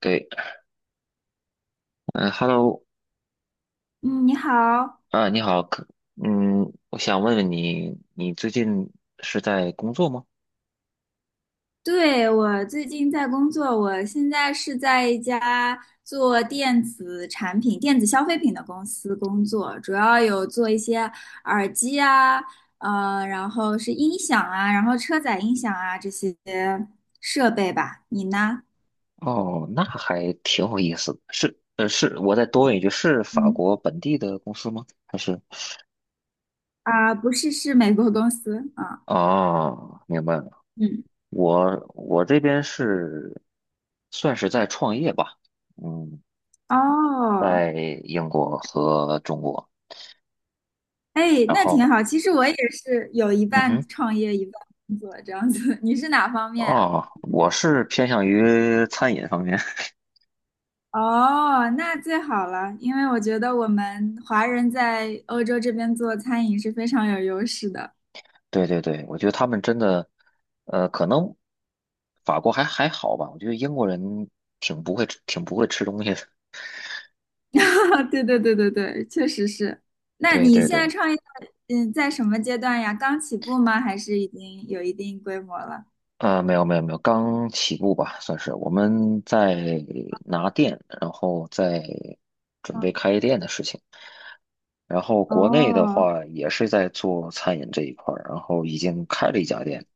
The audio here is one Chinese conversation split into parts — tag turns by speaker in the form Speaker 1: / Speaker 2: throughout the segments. Speaker 1: 对。嗯。Hello。
Speaker 2: 嗯，你好。
Speaker 1: 啊，你好，嗯，我想问问你，你最近是在工作吗？
Speaker 2: 对，我最近在工作，我现在是在一家做电子产品、电子消费品的公司工作，主要有做一些耳机啊，然后是音响啊，然后车载音响啊这些设备吧。你呢？
Speaker 1: 哦，那还挺有意思的，是，我再多问一句，是法
Speaker 2: 嗯
Speaker 1: 国本地的公司吗？还是？
Speaker 2: 啊，不是，是美国公司啊。
Speaker 1: 哦，明白了。
Speaker 2: 嗯，
Speaker 1: 我这边是算是在创业吧。嗯。
Speaker 2: 哦，
Speaker 1: 在英国和中国，
Speaker 2: 哎，
Speaker 1: 然
Speaker 2: 那挺
Speaker 1: 后，
Speaker 2: 好。其实我也是有一
Speaker 1: 嗯
Speaker 2: 半
Speaker 1: 哼。
Speaker 2: 创业，一半工作这样子。你是哪方面啊？
Speaker 1: 哦，我是偏向于餐饮方面。
Speaker 2: 哦，那最好了，因为我觉得我们华人在欧洲这边做餐饮是非常有优势的。
Speaker 1: 对对对，我觉得他们真的，可能法国还好吧。我觉得英国人挺不会吃东西的。
Speaker 2: 对对对对对，确实是。那
Speaker 1: 对
Speaker 2: 你
Speaker 1: 对
Speaker 2: 现在
Speaker 1: 对。
Speaker 2: 创业，嗯，在什么阶段呀？刚起步吗？还是已经有一定规模了？
Speaker 1: 啊，没有没有没有，刚起步吧，算是我们在拿店，然后在准备开店的事情。然后国内的
Speaker 2: 哦
Speaker 1: 话也是在做餐饮这一块儿，然后已经开了一家店。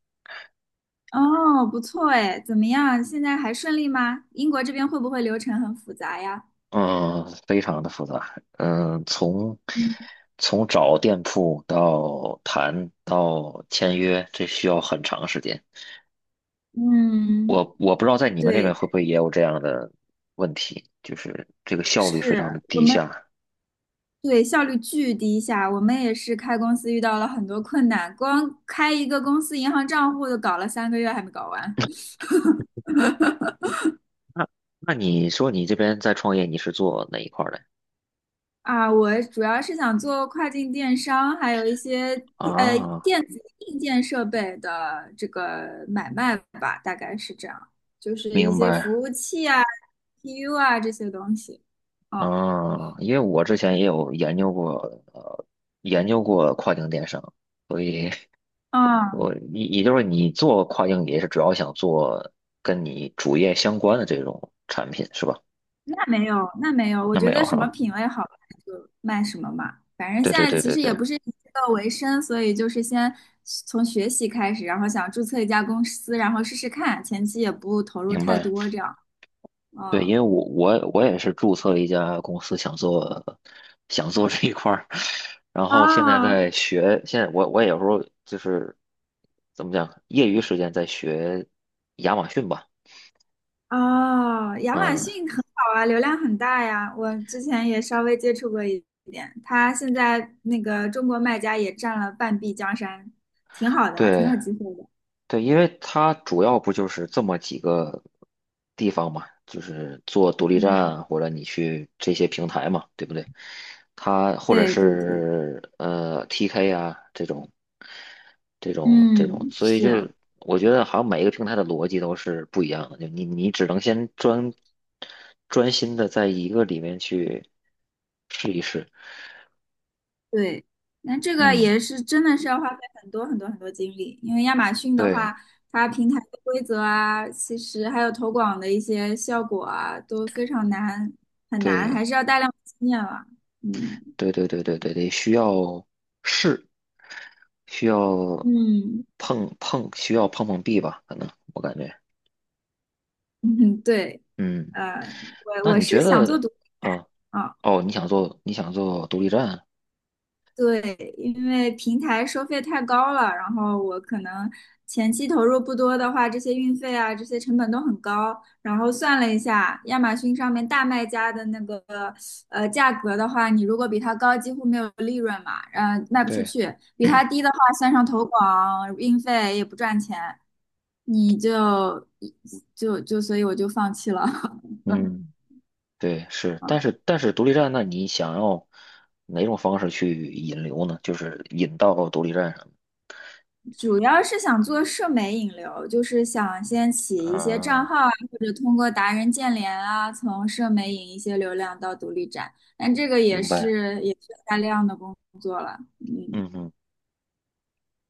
Speaker 2: 哦，不错哎，怎么样？现在还顺利吗？英国这边会不会流程很复杂呀？
Speaker 1: 嗯，非常的复杂。嗯，从
Speaker 2: 嗯，
Speaker 1: 从找店铺到谈到签约，这需要很长时间。
Speaker 2: 嗯
Speaker 1: 我不知道在你们那边
Speaker 2: 对，
Speaker 1: 会不会也有这样的问题，就是这个效率非常的
Speaker 2: 是我
Speaker 1: 低
Speaker 2: 们。
Speaker 1: 下。
Speaker 2: 对，效率巨低下。我们也是开公司遇到了很多困难，光开一个公司银行账户就搞了3个月还没搞完
Speaker 1: 那你说你这边在创业，你是做哪一块儿的？
Speaker 2: 啊！我主要是想做跨境电商，还有一些
Speaker 1: 啊，
Speaker 2: 电子硬件设备的这个买卖吧，大概是这样，就是一
Speaker 1: 明
Speaker 2: 些服
Speaker 1: 白。
Speaker 2: 务器啊、PU 啊这些东西。嗯
Speaker 1: 啊，因为我之前也有呃，研究过跨境电商。所以。
Speaker 2: 嗯，
Speaker 1: 我也就是你做跨境也是主要想做跟你主业相关的这种产品是吧？
Speaker 2: 那没有，那没有，我
Speaker 1: 那
Speaker 2: 觉
Speaker 1: 没
Speaker 2: 得
Speaker 1: 有
Speaker 2: 什么
Speaker 1: 哈。
Speaker 2: 品味好看就卖什么嘛。反正
Speaker 1: 对
Speaker 2: 现
Speaker 1: 对
Speaker 2: 在
Speaker 1: 对
Speaker 2: 其
Speaker 1: 对
Speaker 2: 实也
Speaker 1: 对。
Speaker 2: 不是以这个为生，所以就是先从学习开始，然后想注册一家公司，然后试试看，前期也不投入
Speaker 1: 明
Speaker 2: 太
Speaker 1: 白。
Speaker 2: 多，这样。
Speaker 1: 对，
Speaker 2: 嗯，
Speaker 1: 因为我也是注册了一家公司，想做这一块儿，然后现在
Speaker 2: 啊
Speaker 1: 在学。现在我也有时候就是怎么讲，业余时间在学亚马逊吧。
Speaker 2: 啊，亚马
Speaker 1: 嗯，
Speaker 2: 逊很好啊，流量很大呀。我之前也稍微接触过一点，它现在那个中国卖家也占了半壁江山，挺好的，挺
Speaker 1: 对
Speaker 2: 有机会的。
Speaker 1: 对，因为它主要不就是这么几个地方嘛，就是做独立
Speaker 2: 嗯，
Speaker 1: 站或者你去这些平台嘛，对不对？它或者
Speaker 2: 对对对，
Speaker 1: 是TK 啊这种，
Speaker 2: 嗯，
Speaker 1: 所以
Speaker 2: 是。
Speaker 1: 就我觉得好像每一个平台的逻辑都是不一样的，就你只能先专心的在一个里面去试一试。
Speaker 2: 对，那这个
Speaker 1: 嗯，
Speaker 2: 也是真的是要花费很多很多很多精力，因为亚马逊的
Speaker 1: 对
Speaker 2: 话，它平台的规则啊，其实还有投广的一些效果啊，都非常难，很难，
Speaker 1: 对
Speaker 2: 还是要大量经验了。嗯
Speaker 1: 对对对对对，得需要试。需要
Speaker 2: 嗯
Speaker 1: 碰碰壁吧？可能我感觉。
Speaker 2: 嗯，对，
Speaker 1: 嗯，
Speaker 2: 我
Speaker 1: 那
Speaker 2: 我
Speaker 1: 你
Speaker 2: 是
Speaker 1: 觉
Speaker 2: 想做
Speaker 1: 得。
Speaker 2: 独立
Speaker 1: 嗯，
Speaker 2: 啊。
Speaker 1: 哦，你想做独立站。
Speaker 2: 对，因为平台收费太高了，然后我可能前期投入不多的话，这些运费啊，这些成本都很高。然后算了一下，亚马逊上面大卖家的那个价格的话，你如果比它高，几乎没有利润嘛，卖不出
Speaker 1: 对，
Speaker 2: 去；比它低的话，算上投广、运费也不赚钱，你就所以我就放弃了。
Speaker 1: 嗯，对，是，但
Speaker 2: 嗯
Speaker 1: 是独立站，那你想要哪种方式去引流呢？就是引到独立站上。
Speaker 2: 主要是想做社媒引流，就是想先起一些账
Speaker 1: 啊，
Speaker 2: 号啊，或者通过达人建联啊，从社媒引一些流量到独立站。但这个也
Speaker 1: 明白，
Speaker 2: 是也是大量的工作了。嗯，
Speaker 1: 嗯哼。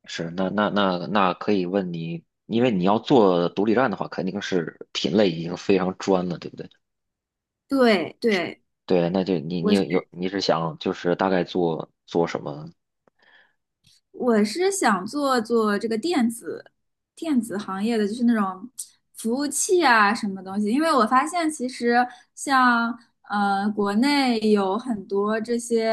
Speaker 1: 是，那可以问你，因为你要做独立站的话，肯定是品类已经非常专了，对不对？
Speaker 2: 对对，
Speaker 1: 对，那就你你
Speaker 2: 我是。
Speaker 1: 有你是想就是大概做做什么？
Speaker 2: 我是想做做这个电子行业的，就是那种服务器啊什么东西，因为我发现其实像国内有很多这些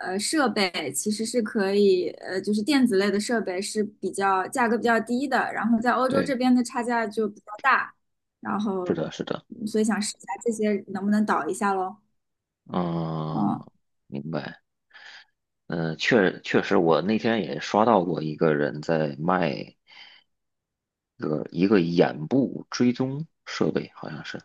Speaker 2: 设备，其实是可以就是电子类的设备是比较价格比较低的，然后在欧洲这
Speaker 1: 对，
Speaker 2: 边的差价就比较大，然后
Speaker 1: 是的，是的。
Speaker 2: 嗯所以想试一下这些能不能导一下咯。
Speaker 1: 嗯，
Speaker 2: 哦
Speaker 1: 明白。嗯，确实。我那天也刷到过一个人在卖一个眼部追踪设备，好像是。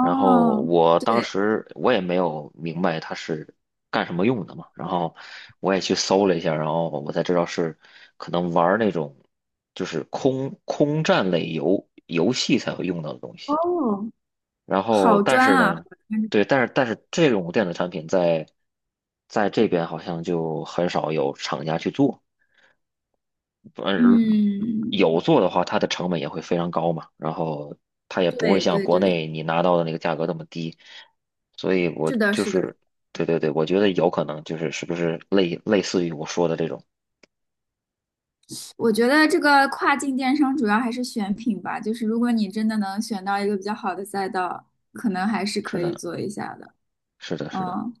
Speaker 1: 然后我当
Speaker 2: 对
Speaker 1: 时我也没有明白它是干什么用的嘛。然后我也去搜了一下，然后我才知道是可能玩儿那种就是空战类游戏才会用到的东西。
Speaker 2: 哦，
Speaker 1: 然后，
Speaker 2: 好
Speaker 1: 但
Speaker 2: 专
Speaker 1: 是
Speaker 2: 啊！
Speaker 1: 呢，对，但是这种电子产品在这边好像就很少有厂家去做。嗯，
Speaker 2: 嗯，
Speaker 1: 有做的话，它的成本也会非常高嘛，然后它也不会
Speaker 2: 对
Speaker 1: 像
Speaker 2: 对
Speaker 1: 国
Speaker 2: 对，
Speaker 1: 内你拿到的那个价格那么低，所以我
Speaker 2: 是的，
Speaker 1: 就
Speaker 2: 是的，
Speaker 1: 是。对对对，我觉得有可能就是是不是类似于我说的这种。
Speaker 2: 我觉得这个跨境电商主要还是选品吧，就是如果你真的能选到一个比较好的赛道，可能还是
Speaker 1: 是
Speaker 2: 可以
Speaker 1: 的，
Speaker 2: 做一下的。
Speaker 1: 是的，是的。
Speaker 2: 嗯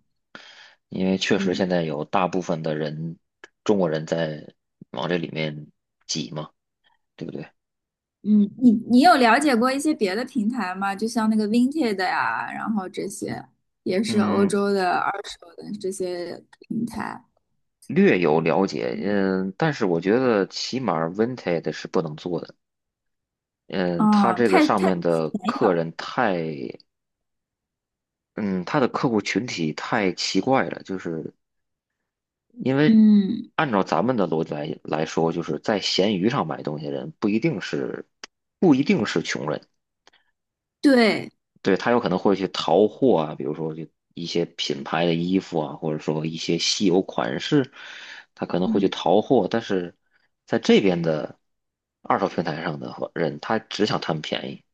Speaker 1: 因为确实
Speaker 2: 嗯。
Speaker 1: 现在有大部分的人中国人在往这里面挤嘛，对不对？
Speaker 2: 嗯，你你有了解过一些别的平台吗？就像那个 Vinted 呀，然后这些也是欧
Speaker 1: 嗯，
Speaker 2: 洲的二手的这些平台。
Speaker 1: 略有了解。
Speaker 2: 嗯，
Speaker 1: 嗯，但是我觉得起码 Vinted 是不能做的。嗯，他
Speaker 2: 哦，
Speaker 1: 这个
Speaker 2: 太
Speaker 1: 上
Speaker 2: 太，
Speaker 1: 面的客人太。嗯，他的客户群体太奇怪了，就是因为
Speaker 2: 嗯，
Speaker 1: 按照咱们的逻辑来说，就是在闲鱼上买东西的人不一定是穷人。
Speaker 2: 对，
Speaker 1: 对，他有可能会去淘货啊，比如说就一些品牌的衣服啊，或者说一些稀有款式，他可能会去
Speaker 2: 嗯
Speaker 1: 淘货。但是在这边的二手平台上的话人，他只想贪便宜，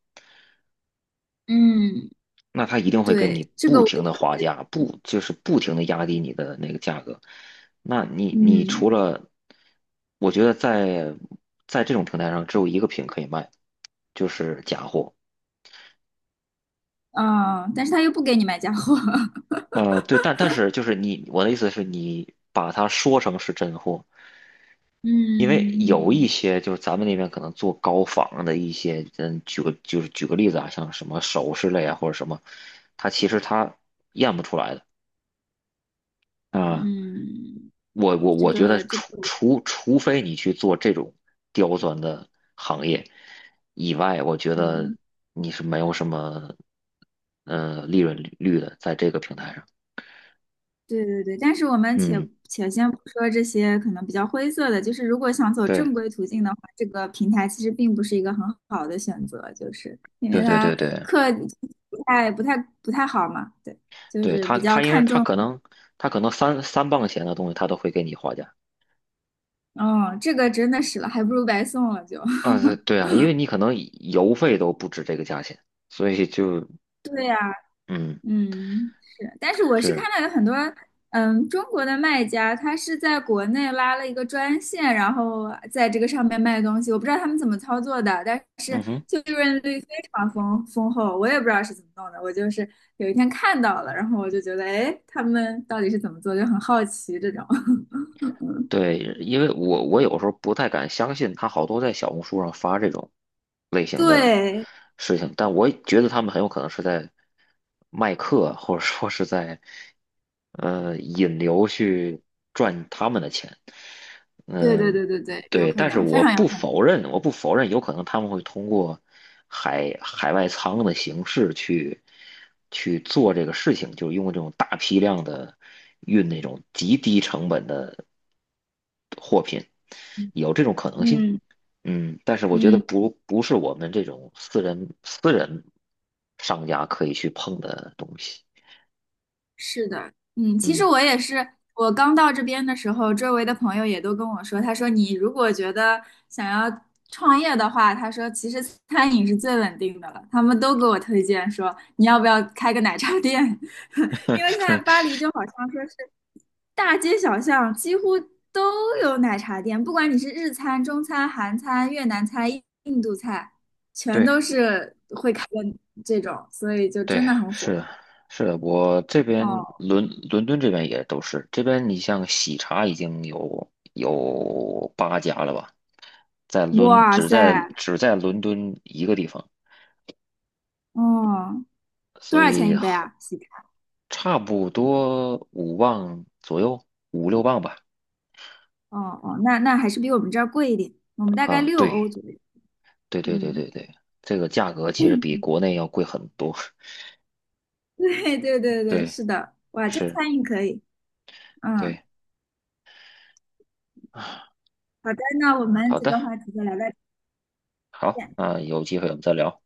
Speaker 2: 嗯，
Speaker 1: 那他一定会跟
Speaker 2: 对，
Speaker 1: 你
Speaker 2: 这个
Speaker 1: 不
Speaker 2: 我，
Speaker 1: 停的划价，不就是不停的压低你的那个价格。那你
Speaker 2: 嗯。
Speaker 1: 除了。我觉得在这种平台上只有一个品可以卖，就是假货。
Speaker 2: 嗯，但是他又不给你买假货。
Speaker 1: 对，但是就是你。我的意思是你把它说成是真货，因为有
Speaker 2: 嗯
Speaker 1: 一些就是咱们那边可能做高仿的一些。嗯，举个例子啊，像什么首饰类啊或者什么，它其实它验不出来的啊。
Speaker 2: 嗯，
Speaker 1: 我我
Speaker 2: 这
Speaker 1: 我觉得
Speaker 2: 个这个
Speaker 1: 除
Speaker 2: 我，
Speaker 1: 除除非你去做这种刁钻的行业以外，我觉得
Speaker 2: 嗯，
Speaker 1: 你是没有什么利润率的在这个平台上。
Speaker 2: 对对对，但是我们
Speaker 1: 嗯，
Speaker 2: 且先不说这些可能比较灰色的，就是如果想走正
Speaker 1: 对
Speaker 2: 规途径的话，这个平台其实并不是一个很好的选择，就是因为
Speaker 1: 对对
Speaker 2: 它
Speaker 1: 对对。
Speaker 2: 客不太不太不太好嘛，对，就
Speaker 1: 对
Speaker 2: 是
Speaker 1: 他，
Speaker 2: 比较
Speaker 1: 他因为
Speaker 2: 看
Speaker 1: 他
Speaker 2: 重，
Speaker 1: 可能他可能三磅钱的东西他都会给你划价。
Speaker 2: 嗯，这个真的是了，还不如白送了就。
Speaker 1: 啊，对对啊，因为你可能邮费都不止这个价钱，所以就。
Speaker 2: 对呀、
Speaker 1: 嗯
Speaker 2: 嗯，是，但是我是看
Speaker 1: 是。
Speaker 2: 到有很多，嗯，中国的卖家，他是在国内拉了一个专线，然后在这个上面卖东西，我不知道他们怎么操作的，但是
Speaker 1: 嗯哼。
Speaker 2: 就利润率非常丰厚，我也不知道是怎么弄的，我就是有一天看到了，然后我就觉得，哎，他们到底是怎么做，就很好奇这种。
Speaker 1: 对，因为我有时候不太敢相信他好多在小红书上发这种类型的
Speaker 2: 对，
Speaker 1: 事情。但我觉得他们很有可能是在卖课，或者说是在引流去赚他们的钱。
Speaker 2: 对对
Speaker 1: 嗯、
Speaker 2: 对对对，有
Speaker 1: 对，
Speaker 2: 可
Speaker 1: 但是
Speaker 2: 能，非
Speaker 1: 我
Speaker 2: 常有可
Speaker 1: 不否认，我不否认，有可能他们会通过海外仓的形式去做这个事情，就是用这种大批量的运那种极低成本的货品，
Speaker 2: 能。
Speaker 1: 有这种可能性。
Speaker 2: 嗯
Speaker 1: 嗯，但是我觉得
Speaker 2: 嗯。
Speaker 1: 不是我们这种私人商家可以去碰的东西。
Speaker 2: 是的，嗯，其
Speaker 1: 嗯。
Speaker 2: 实我也是，我刚到这边的时候，周围的朋友也都跟我说，他说你如果觉得想要创业的话，他说其实餐饮是最稳定的了，他们都给我推荐说你要不要开个奶茶店，因为现在 巴黎就好像说是大街小巷几乎都有奶茶店，不管你是日餐、中餐、韩餐、越南菜、印度菜，全
Speaker 1: 对。
Speaker 2: 都是会开的这种，所以就
Speaker 1: 对，
Speaker 2: 真的很
Speaker 1: 是
Speaker 2: 火。
Speaker 1: 的，是的。我这边
Speaker 2: 哦，
Speaker 1: 伦敦这边也都是。这边你像喜茶已经有8家了吧，在伦
Speaker 2: 哇
Speaker 1: 只
Speaker 2: 塞！
Speaker 1: 在只在伦敦一个地方，
Speaker 2: 哦，
Speaker 1: 所
Speaker 2: 多少钱
Speaker 1: 以
Speaker 2: 一杯啊？西餐？
Speaker 1: 差不多5磅左右，5、6磅吧。
Speaker 2: 哦哦，那那还是比我们这儿贵一点，我们大概
Speaker 1: 啊，
Speaker 2: 六
Speaker 1: 对，
Speaker 2: 欧左右。
Speaker 1: 对对对
Speaker 2: 嗯，
Speaker 1: 对对。这个价格其实比国 内要贵很多。
Speaker 2: 对对对 对，
Speaker 1: 对，
Speaker 2: 是的。哇，这
Speaker 1: 是，
Speaker 2: 餐饮可以。嗯，
Speaker 1: 对。
Speaker 2: 好的，那我们
Speaker 1: 好
Speaker 2: 这个
Speaker 1: 的。
Speaker 2: 话题就聊到这儿。
Speaker 1: 好，那有机会我们再聊。